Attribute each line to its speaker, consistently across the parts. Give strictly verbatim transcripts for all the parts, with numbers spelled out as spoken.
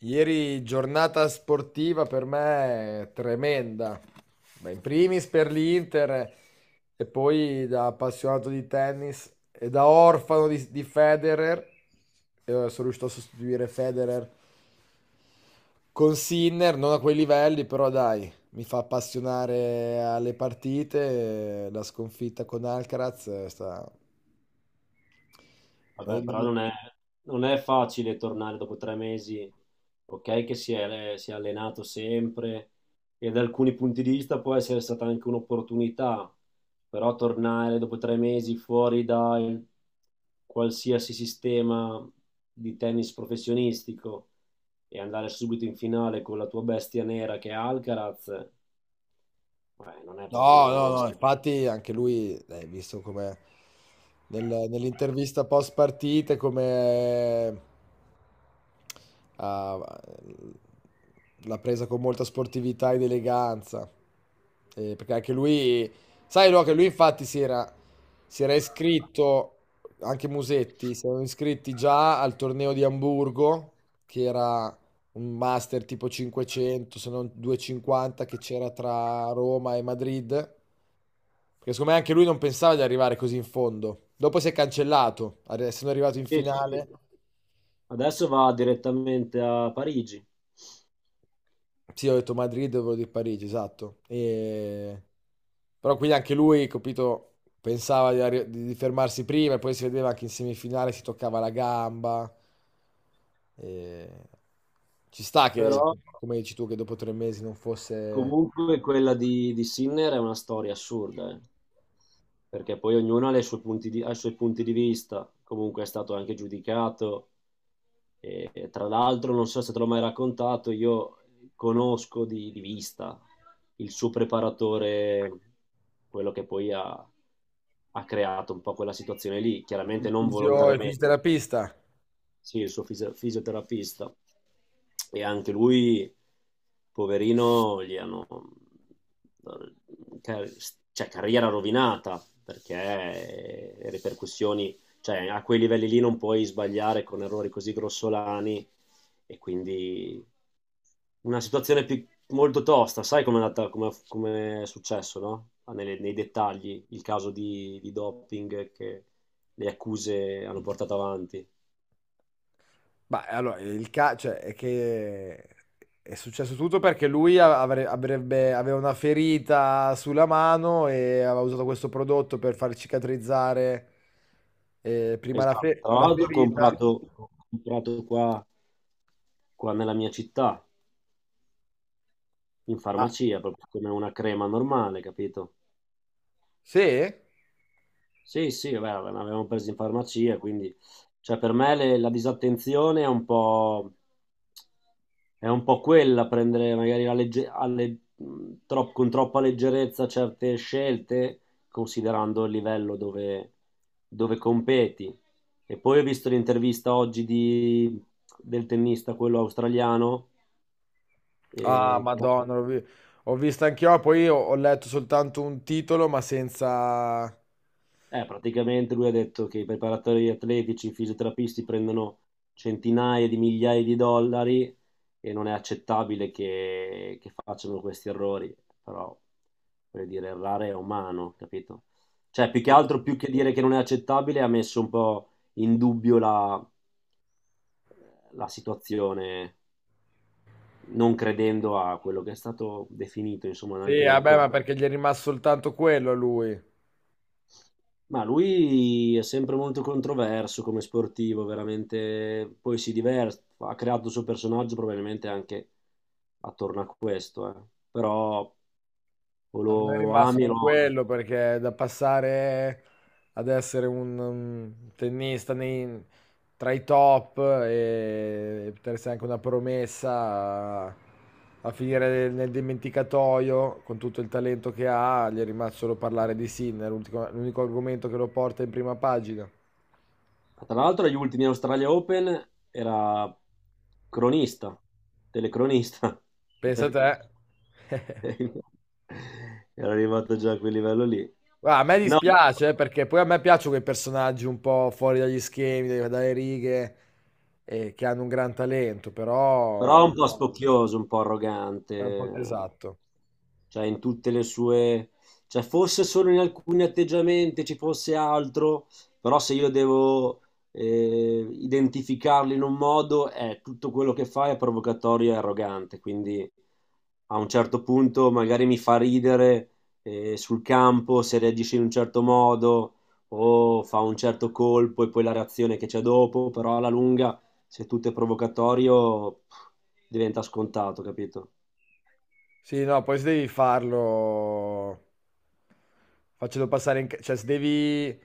Speaker 1: Ieri giornata sportiva per me tremenda. Beh, in primis per l'Inter e poi da appassionato di tennis e da orfano di, di Federer. Eh, sono riuscito a sostituire Federer con Sinner, non a quei livelli, però dai, mi fa appassionare alle partite. eh, La sconfitta con Alcaraz è sta-
Speaker 2: Vabbè, però non è, non è facile tornare dopo tre mesi, ok, che si è, si è allenato sempre e da alcuni punti di vista può essere stata anche un'opportunità, però tornare dopo tre mesi fuori da qualsiasi sistema di tennis professionistico e andare subito in finale con la tua bestia nera che è Alcaraz, beh, non è proprio
Speaker 1: No, no,
Speaker 2: con...
Speaker 1: no,
Speaker 2: Sì,
Speaker 1: infatti anche lui, eh, visto come nel- nell'intervista post partita, come ha- l'ha presa con molta sportività ed eleganza. Eh, perché anche lui, sai, no, che lui infatti si era, si era iscritto, anche Musetti, si erano iscritti già al torneo di Amburgo, che era un master tipo cinquecento, se non duecentocinquanta che c'era tra Roma e Madrid, perché secondo me anche lui non pensava di arrivare così in fondo. Dopo si è cancellato, arri- essendo arrivato in
Speaker 2: sì,
Speaker 1: finale,
Speaker 2: sì. Adesso va direttamente a Parigi,
Speaker 1: sì, ho detto Madrid, volevo dire Parigi, esatto. E... Però quindi anche lui, capito, pensava di, arri- di- di fermarsi prima e poi si vedeva anche in semifinale si toccava la gamba. E... Ci sta che,
Speaker 2: però...
Speaker 1: come dici tu, che dopo tre mesi non fosse.
Speaker 2: Comunque quella di, di Sinner è una storia assurda, eh, perché poi ognuno ha, le sue punti di- ha i suoi punti di vista, comunque è stato anche giudicato. E, e tra l'altro, non so se te l'ho mai raccontato, io conosco di, di vista il suo preparatore, quello che poi ha, ha creato un po' quella situazione lì,
Speaker 1: Il
Speaker 2: chiaramente non
Speaker 1: fisio, il
Speaker 2: volontariamente.
Speaker 1: fisioterapista.
Speaker 2: Sì, il suo fisi- fisioterapista. E anche lui, poverino, gli hanno... car- cioè, carriera rovinata, perché le ripercussioni... Cioè, a quei livelli lì non puoi sbagliare con errori così grossolani e quindi una situazione più- molto tosta. Sai com'è andata, com'è, com'è successo, no? Ah, Nelle- nei dettagli, il caso di, di doping che le accuse hanno portato avanti.
Speaker 1: Ma allora, il ca- cioè, è che è successo tutto perché lui a- avre- avrebbe, aveva una ferita sulla mano e aveva usato questo prodotto per far cicatrizzare eh, prima la,
Speaker 2: Esatto,
Speaker 1: fe-
Speaker 2: tra
Speaker 1: la
Speaker 2: l'altro ho
Speaker 1: ferita.
Speaker 2: comprato, ho comprato qua, qua nella mia città, in
Speaker 1: Ah,
Speaker 2: farmacia, proprio come una crema normale, capito?
Speaker 1: sì?
Speaker 2: Sì, sì, vabbè, vabbè, ne avevamo presi in farmacia, quindi cioè, per me le- la disattenzione è un po', è un po' quella, prendere magari la legge- alle- mh, tro- con troppa leggerezza certe scelte, considerando il livello dove, dove competi. E poi ho visto l'intervista oggi di- del tennista, quello australiano.
Speaker 1: Ah,
Speaker 2: E
Speaker 1: Madonna, l'ho vi- ho visto anch'io, poi ho, ho letto soltanto un titolo, ma senza.
Speaker 2: Eh, praticamente lui ha detto che i preparatori atletici, i fisioterapisti prendono centinaia di migliaia di dollari e non è accettabile che, che facciano questi errori, però voglio dire, errare è umano, capito? Cioè, più che altro, più che dire che non è accettabile, ha messo un po' in dubbio la, la situazione, non credendo a quello che è stato definito, insomma,
Speaker 1: Sì,
Speaker 2: anche dalla
Speaker 1: vabbè, ma
Speaker 2: Corte.
Speaker 1: perché gli è rimasto soltanto quello a lui.
Speaker 2: Ma lui è sempre molto controverso come sportivo, veramente. Poi si diverte, ha creato il suo personaggio probabilmente anche attorno a questo, eh. Però o
Speaker 1: A
Speaker 2: lo
Speaker 1: me è
Speaker 2: ami o
Speaker 1: rimasto
Speaker 2: lo odi.
Speaker 1: quello perché da passare ad essere un, um, tennista nei- tra i top e, e poter essere anche una promessa a, a finire nel, nel dimenticatoio con tutto il talento che ha, gli è rimasto solo parlare di Sinner, l'ultimo- l'unico argomento che lo porta in prima pagina.
Speaker 2: Tra l'altro agli ultimi Australia Open era cronista, telecronista.
Speaker 1: Pensa a te.
Speaker 2: Era arrivato già a quel livello lì.
Speaker 1: Guarda, a me
Speaker 2: No,
Speaker 1: dispiace eh, perché poi a me piacciono quei personaggi un po' fuori dagli schemi, dai- dalle righe, eh, che hanno un gran talento, però
Speaker 2: però un po' spocchioso, un po'
Speaker 1: è un po'
Speaker 2: arrogante.
Speaker 1: esatto.
Speaker 2: Cioè in tutte le sue, cioè forse solo in alcuni atteggiamenti ci fosse altro, però se io devo eh, identificarli in un modo, è tutto quello che fa è provocatorio e arrogante, quindi a un certo punto magari mi fa ridere, eh, sul campo se reagisce in un certo modo o fa un certo colpo e poi la reazione che c'è dopo, però alla lunga se tutto è provocatorio pff, diventa scontato, capito?
Speaker 1: Sì, no, poi se devi farlo facendo passare in... ca- cioè se devi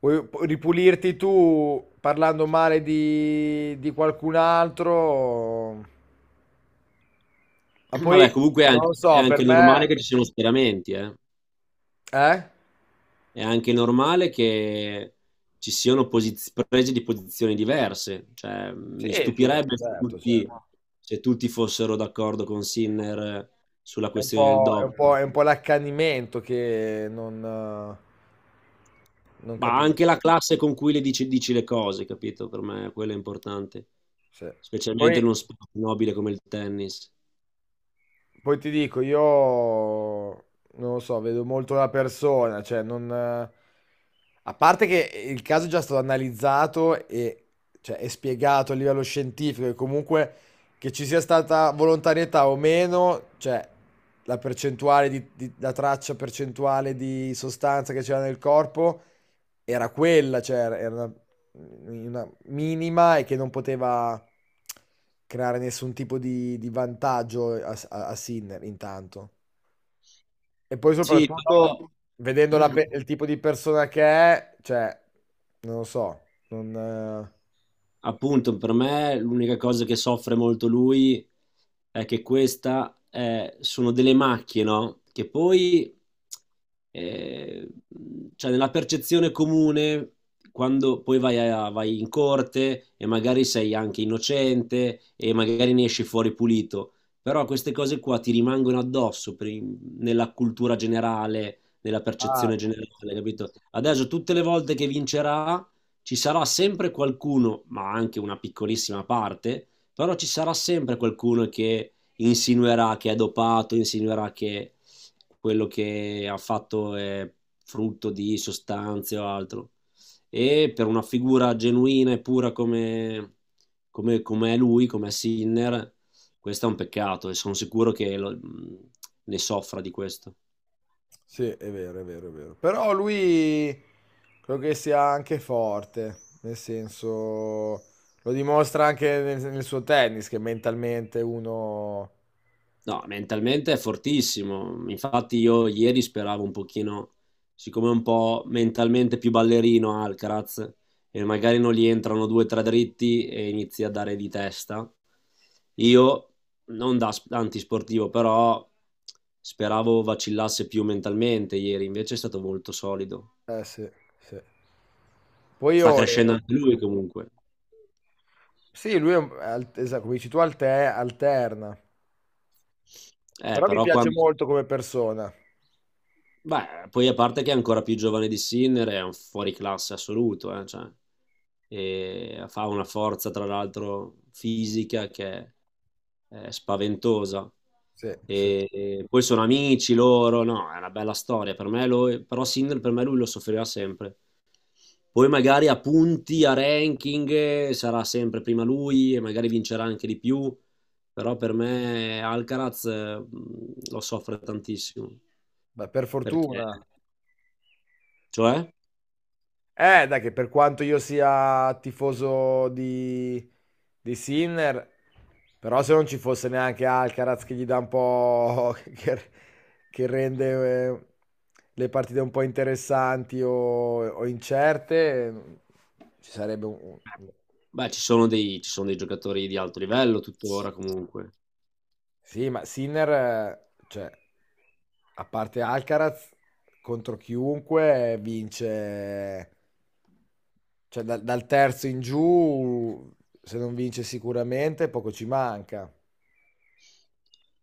Speaker 1: vuoi ripulirti tu parlando male di, di qualcun altro, ma
Speaker 2: Vabbè,
Speaker 1: poi
Speaker 2: comunque è
Speaker 1: non
Speaker 2: anche,
Speaker 1: lo
Speaker 2: è
Speaker 1: so, per
Speaker 2: anche
Speaker 1: me.
Speaker 2: normale che ci siano schieramenti, eh.
Speaker 1: Eh?
Speaker 2: È anche normale che ci siano posiz- prese di posizioni diverse. Cioè,
Speaker 1: Sì,
Speaker 2: mi
Speaker 1: sì, no,
Speaker 2: stupirebbe se
Speaker 1: certo,
Speaker 2: tutti,
Speaker 1: certo.
Speaker 2: se tutti fossero d'accordo con Sinner sulla
Speaker 1: È un
Speaker 2: questione del
Speaker 1: po', è un
Speaker 2: doping.
Speaker 1: po', è un po' l'accanimento che non, eh, non
Speaker 2: Ma
Speaker 1: capisco.
Speaker 2: anche la classe con cui le dici, dici le cose, capito? Per me quello è importante.
Speaker 1: Sì.
Speaker 2: Specialmente
Speaker 1: Poi,
Speaker 2: in uno sport nobile come il tennis.
Speaker 1: poi ti dico, io non lo so, vedo molto la persona, cioè non... eh, a parte che il caso è già stato analizzato e cioè, è spiegato a livello scientifico e comunque che ci sia stata volontarietà o meno, cioè la percentuale di, di- la traccia percentuale di sostanza che c'era nel corpo era quella, cioè era era una, una minima e che non poteva creare nessun tipo di, di vantaggio a, a- a Sinner intanto. E poi
Speaker 2: Sì, però...
Speaker 1: soprattutto, vedendo la pe- il tipo di persona che è, cioè, non lo so. Non... eh,
Speaker 2: Appunto, per me l'unica cosa che soffre molto lui è che questa è- sono delle macchie, no? Che poi, eh, cioè nella percezione comune, quando poi vai, a- vai in corte e magari sei anche innocente e magari ne esci fuori pulito, però queste cose qua ti rimangono addosso per- nella cultura generale, nella
Speaker 1: Ah,
Speaker 2: percezione
Speaker 1: sì.
Speaker 2: generale, capito? Adesso tutte le volte che vincerà ci sarà sempre qualcuno, ma anche una piccolissima parte, però ci sarà sempre qualcuno che insinuerà che è dopato, insinuerà che quello che ha fatto è frutto di sostanze o altro. E per una figura genuina e pura come, come, come è lui, come è Sinner, questo è un peccato e sono sicuro che lo- ne soffra di questo.
Speaker 1: Sì, è vero, è vero, è vero. Però lui credo che sia anche forte, nel senso. Lo dimostra anche nel, nel suo tennis, che mentalmente uno.
Speaker 2: No, mentalmente è fortissimo. Infatti io ieri speravo un pochino, siccome è un po' mentalmente più ballerino Alcaraz, e magari non gli entrano due o tre dritti e inizia a dare di testa. Io, non da sp- antisportivo, però speravo vacillasse più mentalmente ieri, invece è stato molto solido.
Speaker 1: Eh sì, sì. Poi
Speaker 2: Sta
Speaker 1: io.
Speaker 2: crescendo
Speaker 1: eh,
Speaker 2: anche lui comunque.
Speaker 1: Sì, lui è un- al- esatto, come dici tu, alte- alterna.
Speaker 2: Eh,
Speaker 1: Però mi
Speaker 2: però
Speaker 1: piace
Speaker 2: quando...
Speaker 1: molto come persona.
Speaker 2: Beh, poi a parte che è ancora più giovane di Sinner, è un fuoriclasse assoluto, eh, cioè, e fa una forza, tra l'altro, fisica che è, è spaventosa.
Speaker 1: Sì, sì.
Speaker 2: E, e poi sono amici loro, no, è una bella storia. Per me lui- però Sinner per me lui lo soffrirà sempre. Poi magari a punti, a ranking, eh, sarà sempre prima lui e magari vincerà anche di più, però per me Alcaraz, eh, lo soffre tantissimo.
Speaker 1: Beh, per
Speaker 2: Perché?
Speaker 1: fortuna.
Speaker 2: Cioè?
Speaker 1: Eh, dai, che per quanto io sia tifoso di, di Sinner, però se non ci fosse neanche Alcaraz che gli dà un po' che, che rende eh, le partite un po' interessanti o, o incerte, ci sarebbe un... un-
Speaker 2: Beh, ci sono dei ci sono dei giocatori di alto livello tuttora comunque.
Speaker 1: Sì, ma Sinner, eh, cioè, a parte Alcaraz, contro chiunque vince, cioè dal, dal terzo in giù, se non vince sicuramente, poco ci manca.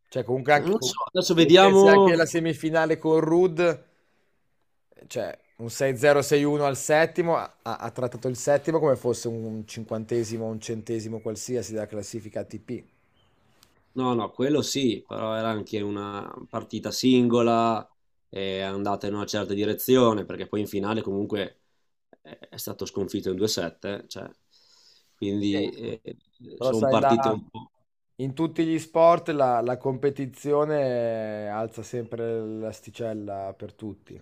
Speaker 1: Cioè, comunque
Speaker 2: Eh, Non
Speaker 1: anche
Speaker 2: lo
Speaker 1: con-
Speaker 2: so, adesso
Speaker 1: se pensi anche
Speaker 2: vediamo.
Speaker 1: alla semifinale con Ruud, cioè un sei a zero, sei a uno al settimo, ha, ha trattato il settimo come fosse un cinquantesimo, un centesimo qualsiasi della classifica A T P.
Speaker 2: No, no, quello sì, però era anche una partita singola, è andata in una certa direzione, perché poi in finale comunque è è stato sconfitto in due sette, cioè
Speaker 1: Sì,
Speaker 2: quindi,
Speaker 1: sì.
Speaker 2: ehm,
Speaker 1: Però
Speaker 2: son
Speaker 1: sai,
Speaker 2: partite
Speaker 1: la-
Speaker 2: un po'
Speaker 1: in tutti gli sport la, la competizione alza sempre l'asticella per tutti.